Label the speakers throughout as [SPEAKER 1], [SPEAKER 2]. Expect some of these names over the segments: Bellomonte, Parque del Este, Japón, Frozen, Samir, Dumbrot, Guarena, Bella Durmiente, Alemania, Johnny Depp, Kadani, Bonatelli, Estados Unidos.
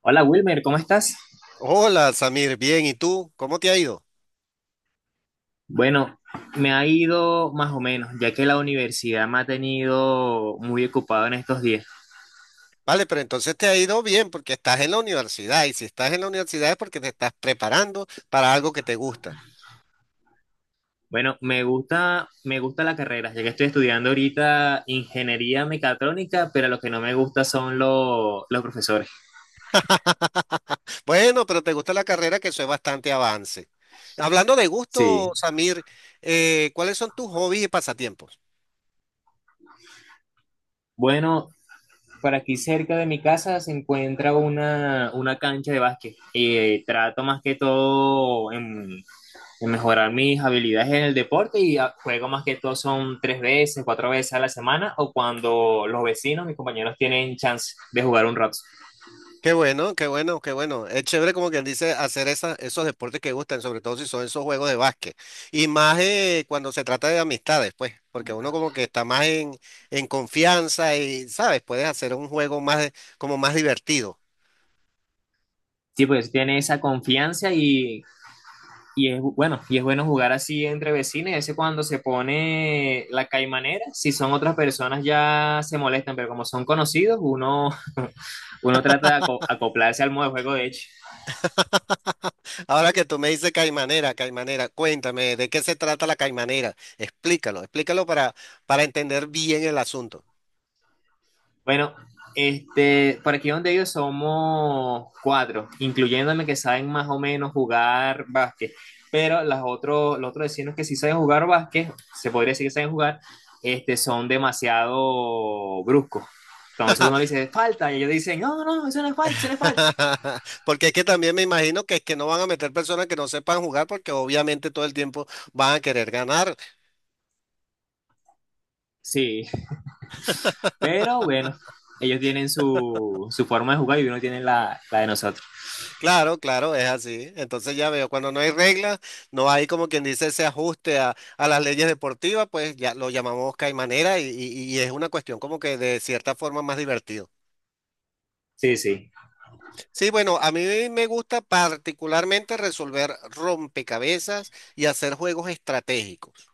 [SPEAKER 1] Hola Wilmer, ¿cómo estás?
[SPEAKER 2] Hola, Samir, bien, ¿y tú? ¿Cómo te ha ido?
[SPEAKER 1] Bueno, me ha ido más o menos, ya que la universidad me ha tenido muy ocupado en estos días.
[SPEAKER 2] Vale, pero entonces te ha ido bien porque estás en la universidad y si estás en la universidad es porque te estás preparando para algo que te gusta.
[SPEAKER 1] Bueno, me gusta la carrera, ya que estoy estudiando ahorita ingeniería mecatrónica, pero lo que no me gusta son los profesores.
[SPEAKER 2] Bueno, pero te gusta la carrera que eso es bastante avance. Hablando de gusto,
[SPEAKER 1] Sí.
[SPEAKER 2] Samir, ¿cuáles son tus hobbies y pasatiempos?
[SPEAKER 1] Bueno, por aquí cerca de mi casa se encuentra una cancha de básquet y trato más que todo en mejorar mis habilidades en el deporte y juego más que todo son tres veces, cuatro veces a la semana o cuando los vecinos, mis compañeros tienen chance de jugar un rato.
[SPEAKER 2] Qué bueno, qué bueno, qué bueno. Es chévere como quien dice hacer esos deportes que gustan, sobre todo si son esos juegos de básquet. Y más cuando se trata de amistades, pues, porque uno como que está más en confianza y, ¿sabes? Puedes hacer un juego más, como más divertido.
[SPEAKER 1] Sí, pues tiene esa confianza y es bueno jugar así entre vecinos. Y a veces cuando se pone la caimanera, si son otras personas ya se molestan, pero como son conocidos, uno, uno trata de acoplarse al modo de juego de hecho.
[SPEAKER 2] Ahora que tú me dices caimanera, caimanera, cuéntame, ¿de qué se trata la caimanera? Explícalo, explícalo para entender bien el asunto.
[SPEAKER 1] Bueno, por aquí donde yo somos cuatro, incluyéndome, que saben más o menos jugar básquet, pero las otros, los otros vecinos que sí saben jugar básquet, se podría decir que saben jugar, son demasiado bruscos. Entonces uno le dice, falta, y ellos dicen, no, no, no, eso no es falta, eso no es falta.
[SPEAKER 2] Porque es que también me imagino que es que no van a meter personas que no sepan jugar porque obviamente todo el tiempo van a querer ganar.
[SPEAKER 1] Sí, pero bueno, ellos tienen su forma de jugar y uno tiene la de nosotros.
[SPEAKER 2] Claro, claro, es así. Entonces ya veo, cuando no hay reglas, no hay como quien dice ese ajuste a las leyes deportivas, pues ya lo llamamos caimanera y es una cuestión como que de cierta forma más divertido.
[SPEAKER 1] Sí, sí.
[SPEAKER 2] Sí, bueno, a mí me gusta particularmente resolver rompecabezas y hacer juegos estratégicos.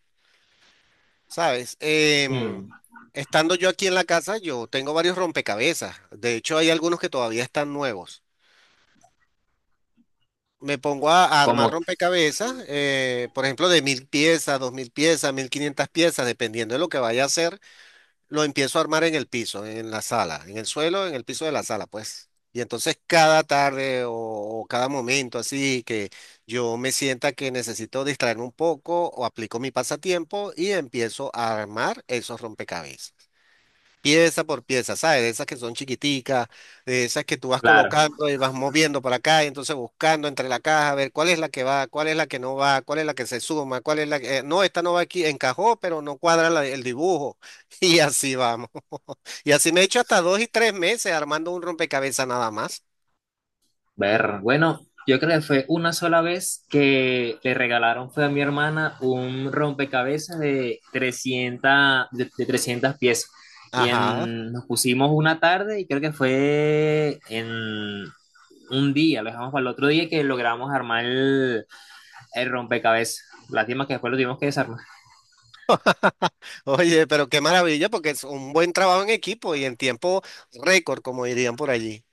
[SPEAKER 2] Sabes,
[SPEAKER 1] Mm,
[SPEAKER 2] estando yo aquí en la casa, yo tengo varios rompecabezas. De hecho, hay algunos que todavía están nuevos. Me pongo a armar
[SPEAKER 1] como,
[SPEAKER 2] rompecabezas, por ejemplo, de 1000 piezas, 2000 piezas, 1500 piezas, dependiendo de lo que vaya a hacer, lo empiezo a armar en el piso, en la sala, en el suelo, en el piso de la sala, pues. Y entonces cada tarde o cada momento así que yo me sienta que necesito distraerme un poco o aplico mi pasatiempo y empiezo a armar esos rompecabezas. Pieza por pieza, ¿sabes? De esas que son chiquiticas, de esas que tú vas
[SPEAKER 1] claro.
[SPEAKER 2] colocando y vas moviendo para acá y entonces buscando entre la caja a ver cuál es la que va, cuál es la que no va, cuál es la que se suma, cuál es la que no, esta no va aquí, encajó, pero no cuadra el dibujo. Y así vamos. Y así me he hecho hasta dos y tres meses armando un rompecabezas nada más.
[SPEAKER 1] Ver, bueno, yo creo que fue una sola vez que le regalaron, fue a mi hermana, un rompecabezas de 300, de 300 piezas.
[SPEAKER 2] Ajá.
[SPEAKER 1] Nos pusimos una tarde y creo que fue en un día, lo dejamos para el otro día que logramos armar el rompecabezas. Lástima que después lo tuvimos que desarmar.
[SPEAKER 2] Oye, pero qué maravilla porque es un buen trabajo en equipo y en tiempo récord, como dirían por allí.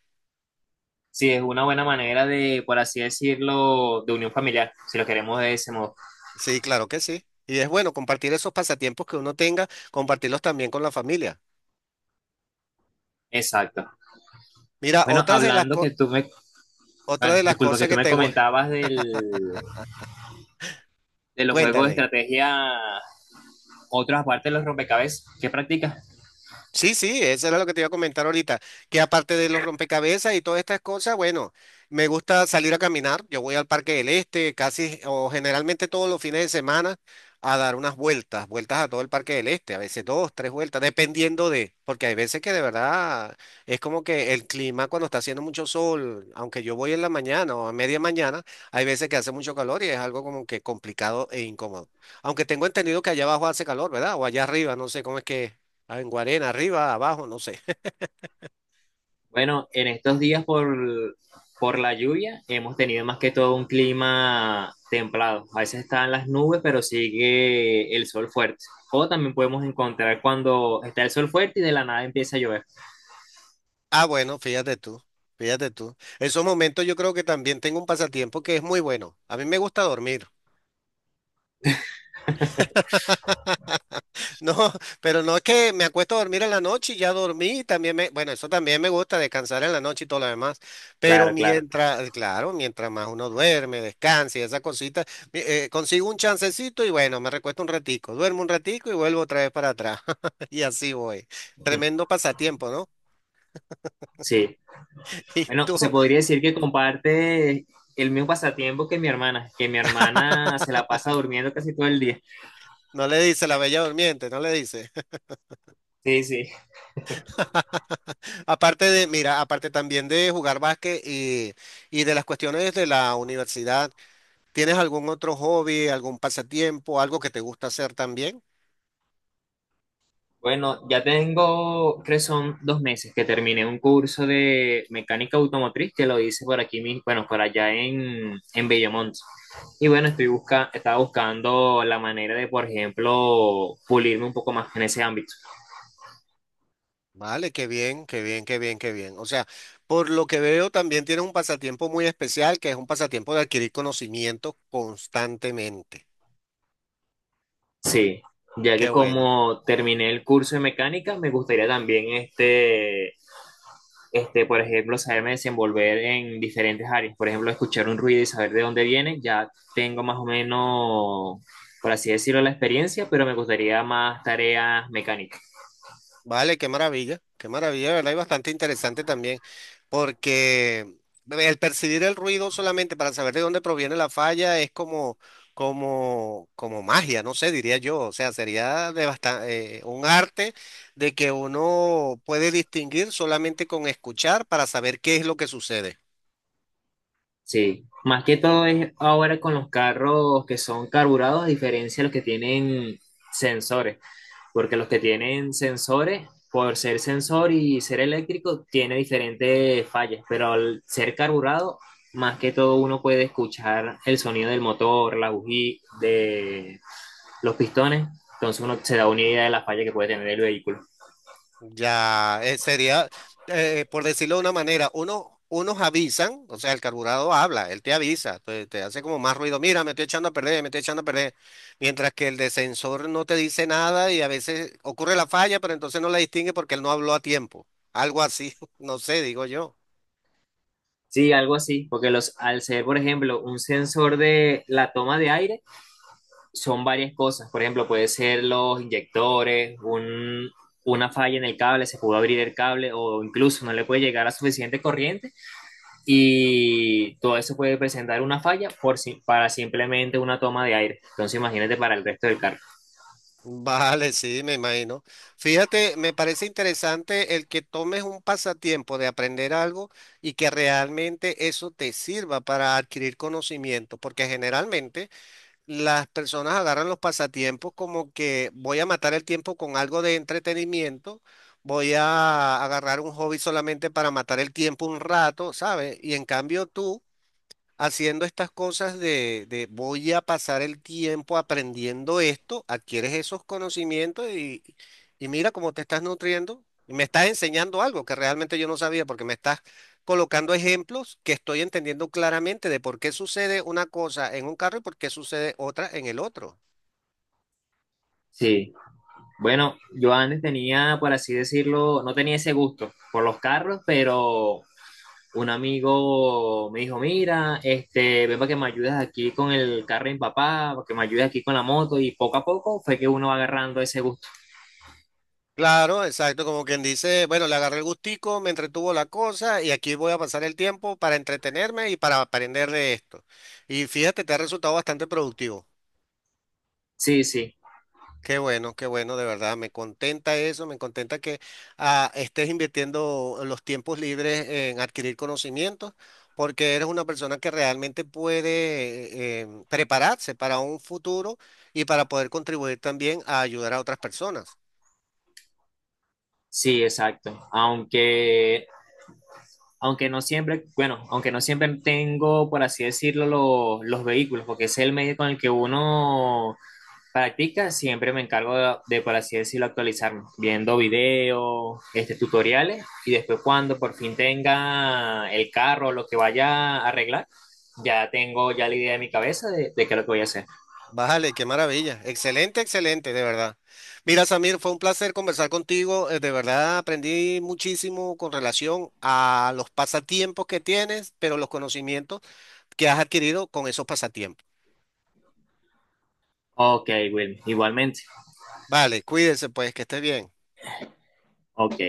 [SPEAKER 1] Sí, es una buena manera de, por así decirlo, de unión familiar, si lo queremos de ese modo.
[SPEAKER 2] Sí, claro que sí. Y es bueno compartir esos pasatiempos que uno tenga, compartirlos también con la familia.
[SPEAKER 1] Exacto.
[SPEAKER 2] Mira,
[SPEAKER 1] Bueno,
[SPEAKER 2] otras de
[SPEAKER 1] hablando que tú me
[SPEAKER 2] otra
[SPEAKER 1] Bueno,
[SPEAKER 2] de las
[SPEAKER 1] disculpa que
[SPEAKER 2] cosas
[SPEAKER 1] tú
[SPEAKER 2] que
[SPEAKER 1] me comentabas de los juegos de
[SPEAKER 2] cuéntame.
[SPEAKER 1] estrategia, otras aparte de los rompecabezas. ¿Qué practicas?
[SPEAKER 2] Sí, sí, eso era lo que te iba a comentar ahorita, que aparte de los rompecabezas y todas estas cosas, bueno, me gusta salir a caminar, yo voy al Parque del Este casi o generalmente todos los fines de semana a dar unas vueltas, vueltas a todo el Parque del Este, a veces dos, tres vueltas, dependiendo de, porque hay veces que de verdad es como que el clima cuando está haciendo mucho sol, aunque yo voy en la mañana o a media mañana, hay veces que hace mucho calor y es algo como que complicado e incómodo. Aunque tengo entendido que allá abajo hace calor, ¿verdad? O allá arriba, no sé cómo es que es. Ah, en Guarena, arriba, abajo, no sé.
[SPEAKER 1] Bueno, en estos por la lluvia hemos tenido más que todo un clima templado. A veces están las nubes, pero sigue el sol fuerte. O también podemos encontrar cuando está el sol fuerte y de la nada empieza a llover.
[SPEAKER 2] Ah, bueno, fíjate tú, fíjate tú. Esos momentos yo creo que también tengo un pasatiempo que es muy bueno. A mí me gusta dormir. No, pero no es que me acuesto a dormir en la noche y ya dormí, también me, bueno, eso también me gusta descansar en la noche y todo lo demás, pero
[SPEAKER 1] Claro, claro.
[SPEAKER 2] mientras, claro, mientras más uno duerme, descansa y esas cositas, consigo un chancecito y bueno, me recuesto un ratico, duermo un ratico y vuelvo otra vez para atrás y así voy. Tremendo pasatiempo, ¿no?
[SPEAKER 1] Sí.
[SPEAKER 2] ¿Y
[SPEAKER 1] Bueno, se
[SPEAKER 2] tú?
[SPEAKER 1] podría decir que comparte el mismo pasatiempo que mi hermana se la pasa durmiendo casi todo el día.
[SPEAKER 2] No le dice la Bella Durmiente, no le dice.
[SPEAKER 1] Sí, sí.
[SPEAKER 2] Aparte de, mira, aparte también de jugar básquet y de las cuestiones de la universidad, ¿tienes algún otro hobby, algún pasatiempo, algo que te gusta hacer también?
[SPEAKER 1] Bueno, ya tengo, creo que son dos meses que terminé un curso de mecánica automotriz que lo hice por aquí mismo, bueno, por allá en Bellomonte. Y bueno, estaba buscando la manera de, por ejemplo, pulirme un poco más en ese ámbito.
[SPEAKER 2] Vale, qué bien, qué bien, qué bien, qué bien. O sea, por lo que veo, también tienes un pasatiempo muy especial, que es un pasatiempo de adquirir conocimiento constantemente.
[SPEAKER 1] Sí, ya que
[SPEAKER 2] Qué bueno.
[SPEAKER 1] como terminé el curso de mecánica, me gustaría también por ejemplo, saberme desenvolver en diferentes áreas. Por ejemplo, escuchar un ruido y saber de dónde viene, ya tengo más o menos, por así decirlo, la experiencia, pero me gustaría más tareas mecánicas.
[SPEAKER 2] Vale, qué maravilla, ¿verdad? Y bastante interesante también, porque el percibir el ruido solamente para saber de dónde proviene la falla es como, como, como magia, no sé, diría yo. O sea, sería de un arte de que uno puede distinguir solamente con escuchar para saber qué es lo que sucede.
[SPEAKER 1] Sí, más que todo es ahora con los carros que son carburados, a diferencia de los que tienen sensores. Porque los que tienen sensores, por ser sensor y ser eléctrico, tiene diferentes fallas, pero al ser carburado, más que todo uno puede escuchar el sonido del motor, la bujía, de los pistones, entonces uno se da una idea de la falla que puede tener el vehículo.
[SPEAKER 2] Ya, sería, por decirlo de una manera, uno, unos avisan, o sea, el carburado habla, él te avisa, te hace como más ruido, mira, me estoy echando a perder, me estoy echando a perder, mientras que el de sensor no te dice nada y a veces ocurre la falla, pero entonces no la distingue porque él no habló a tiempo, algo así, no sé, digo yo.
[SPEAKER 1] Sí, algo así, porque los, al ser, por ejemplo, un sensor de la toma de aire, son varias cosas. Por ejemplo, puede ser los inyectores, un, una falla en el cable, se pudo abrir el cable o incluso no le puede llegar a suficiente corriente y todo eso puede presentar una falla por, para simplemente una toma de aire. Entonces imagínate para el resto del carro.
[SPEAKER 2] Vale, sí, me imagino. Fíjate, me parece interesante el que tomes un pasatiempo de aprender algo y que realmente eso te sirva para adquirir conocimiento, porque generalmente las personas agarran los pasatiempos como que voy a matar el tiempo con algo de entretenimiento, voy a agarrar un hobby solamente para matar el tiempo un rato, ¿sabes? Y en cambio tú haciendo estas cosas de voy a pasar el tiempo aprendiendo esto, adquieres esos conocimientos y mira cómo te estás nutriendo. Y me estás enseñando algo que realmente yo no sabía porque me estás colocando ejemplos que estoy entendiendo claramente de por qué sucede una cosa en un carro y por qué sucede otra en el otro.
[SPEAKER 1] Sí. Bueno, yo antes tenía, por así decirlo, no tenía ese gusto por los carros, pero un amigo me dijo, mira, este, ven para que me ayudes aquí con el carro de mi papá, para que me ayudes aquí con la moto, y poco a poco fue que uno va agarrando ese gusto.
[SPEAKER 2] Claro, exacto, como quien dice, bueno, le agarré el gustico, me entretuvo la cosa y aquí voy a pasar el tiempo para entretenerme y para aprender de esto. Y fíjate, te ha resultado bastante productivo.
[SPEAKER 1] Sí, sí,
[SPEAKER 2] Qué bueno, de verdad, me contenta eso, me contenta que estés invirtiendo los tiempos libres en adquirir conocimientos, porque eres una persona que realmente puede prepararse para un futuro y para poder contribuir también a ayudar a otras personas.
[SPEAKER 1] sí, exacto. Aunque no siempre, bueno, aunque no siempre tengo, por así decirlo, los vehículos, porque ese es el medio con el que uno practica, siempre me encargo por así decirlo, actualizarme, viendo videos, este, tutoriales, y después cuando por fin tenga el carro, lo que vaya a arreglar, ya tengo la idea en mi cabeza de qué es lo que voy a hacer.
[SPEAKER 2] Vale, qué maravilla, excelente, excelente, de verdad. Mira, Samir, fue un placer conversar contigo, de verdad aprendí muchísimo con relación a los pasatiempos que tienes, pero los conocimientos que has adquirido con esos pasatiempos.
[SPEAKER 1] Ok, Will, igualmente.
[SPEAKER 2] Vale, cuídense pues, que esté bien.
[SPEAKER 1] Ok.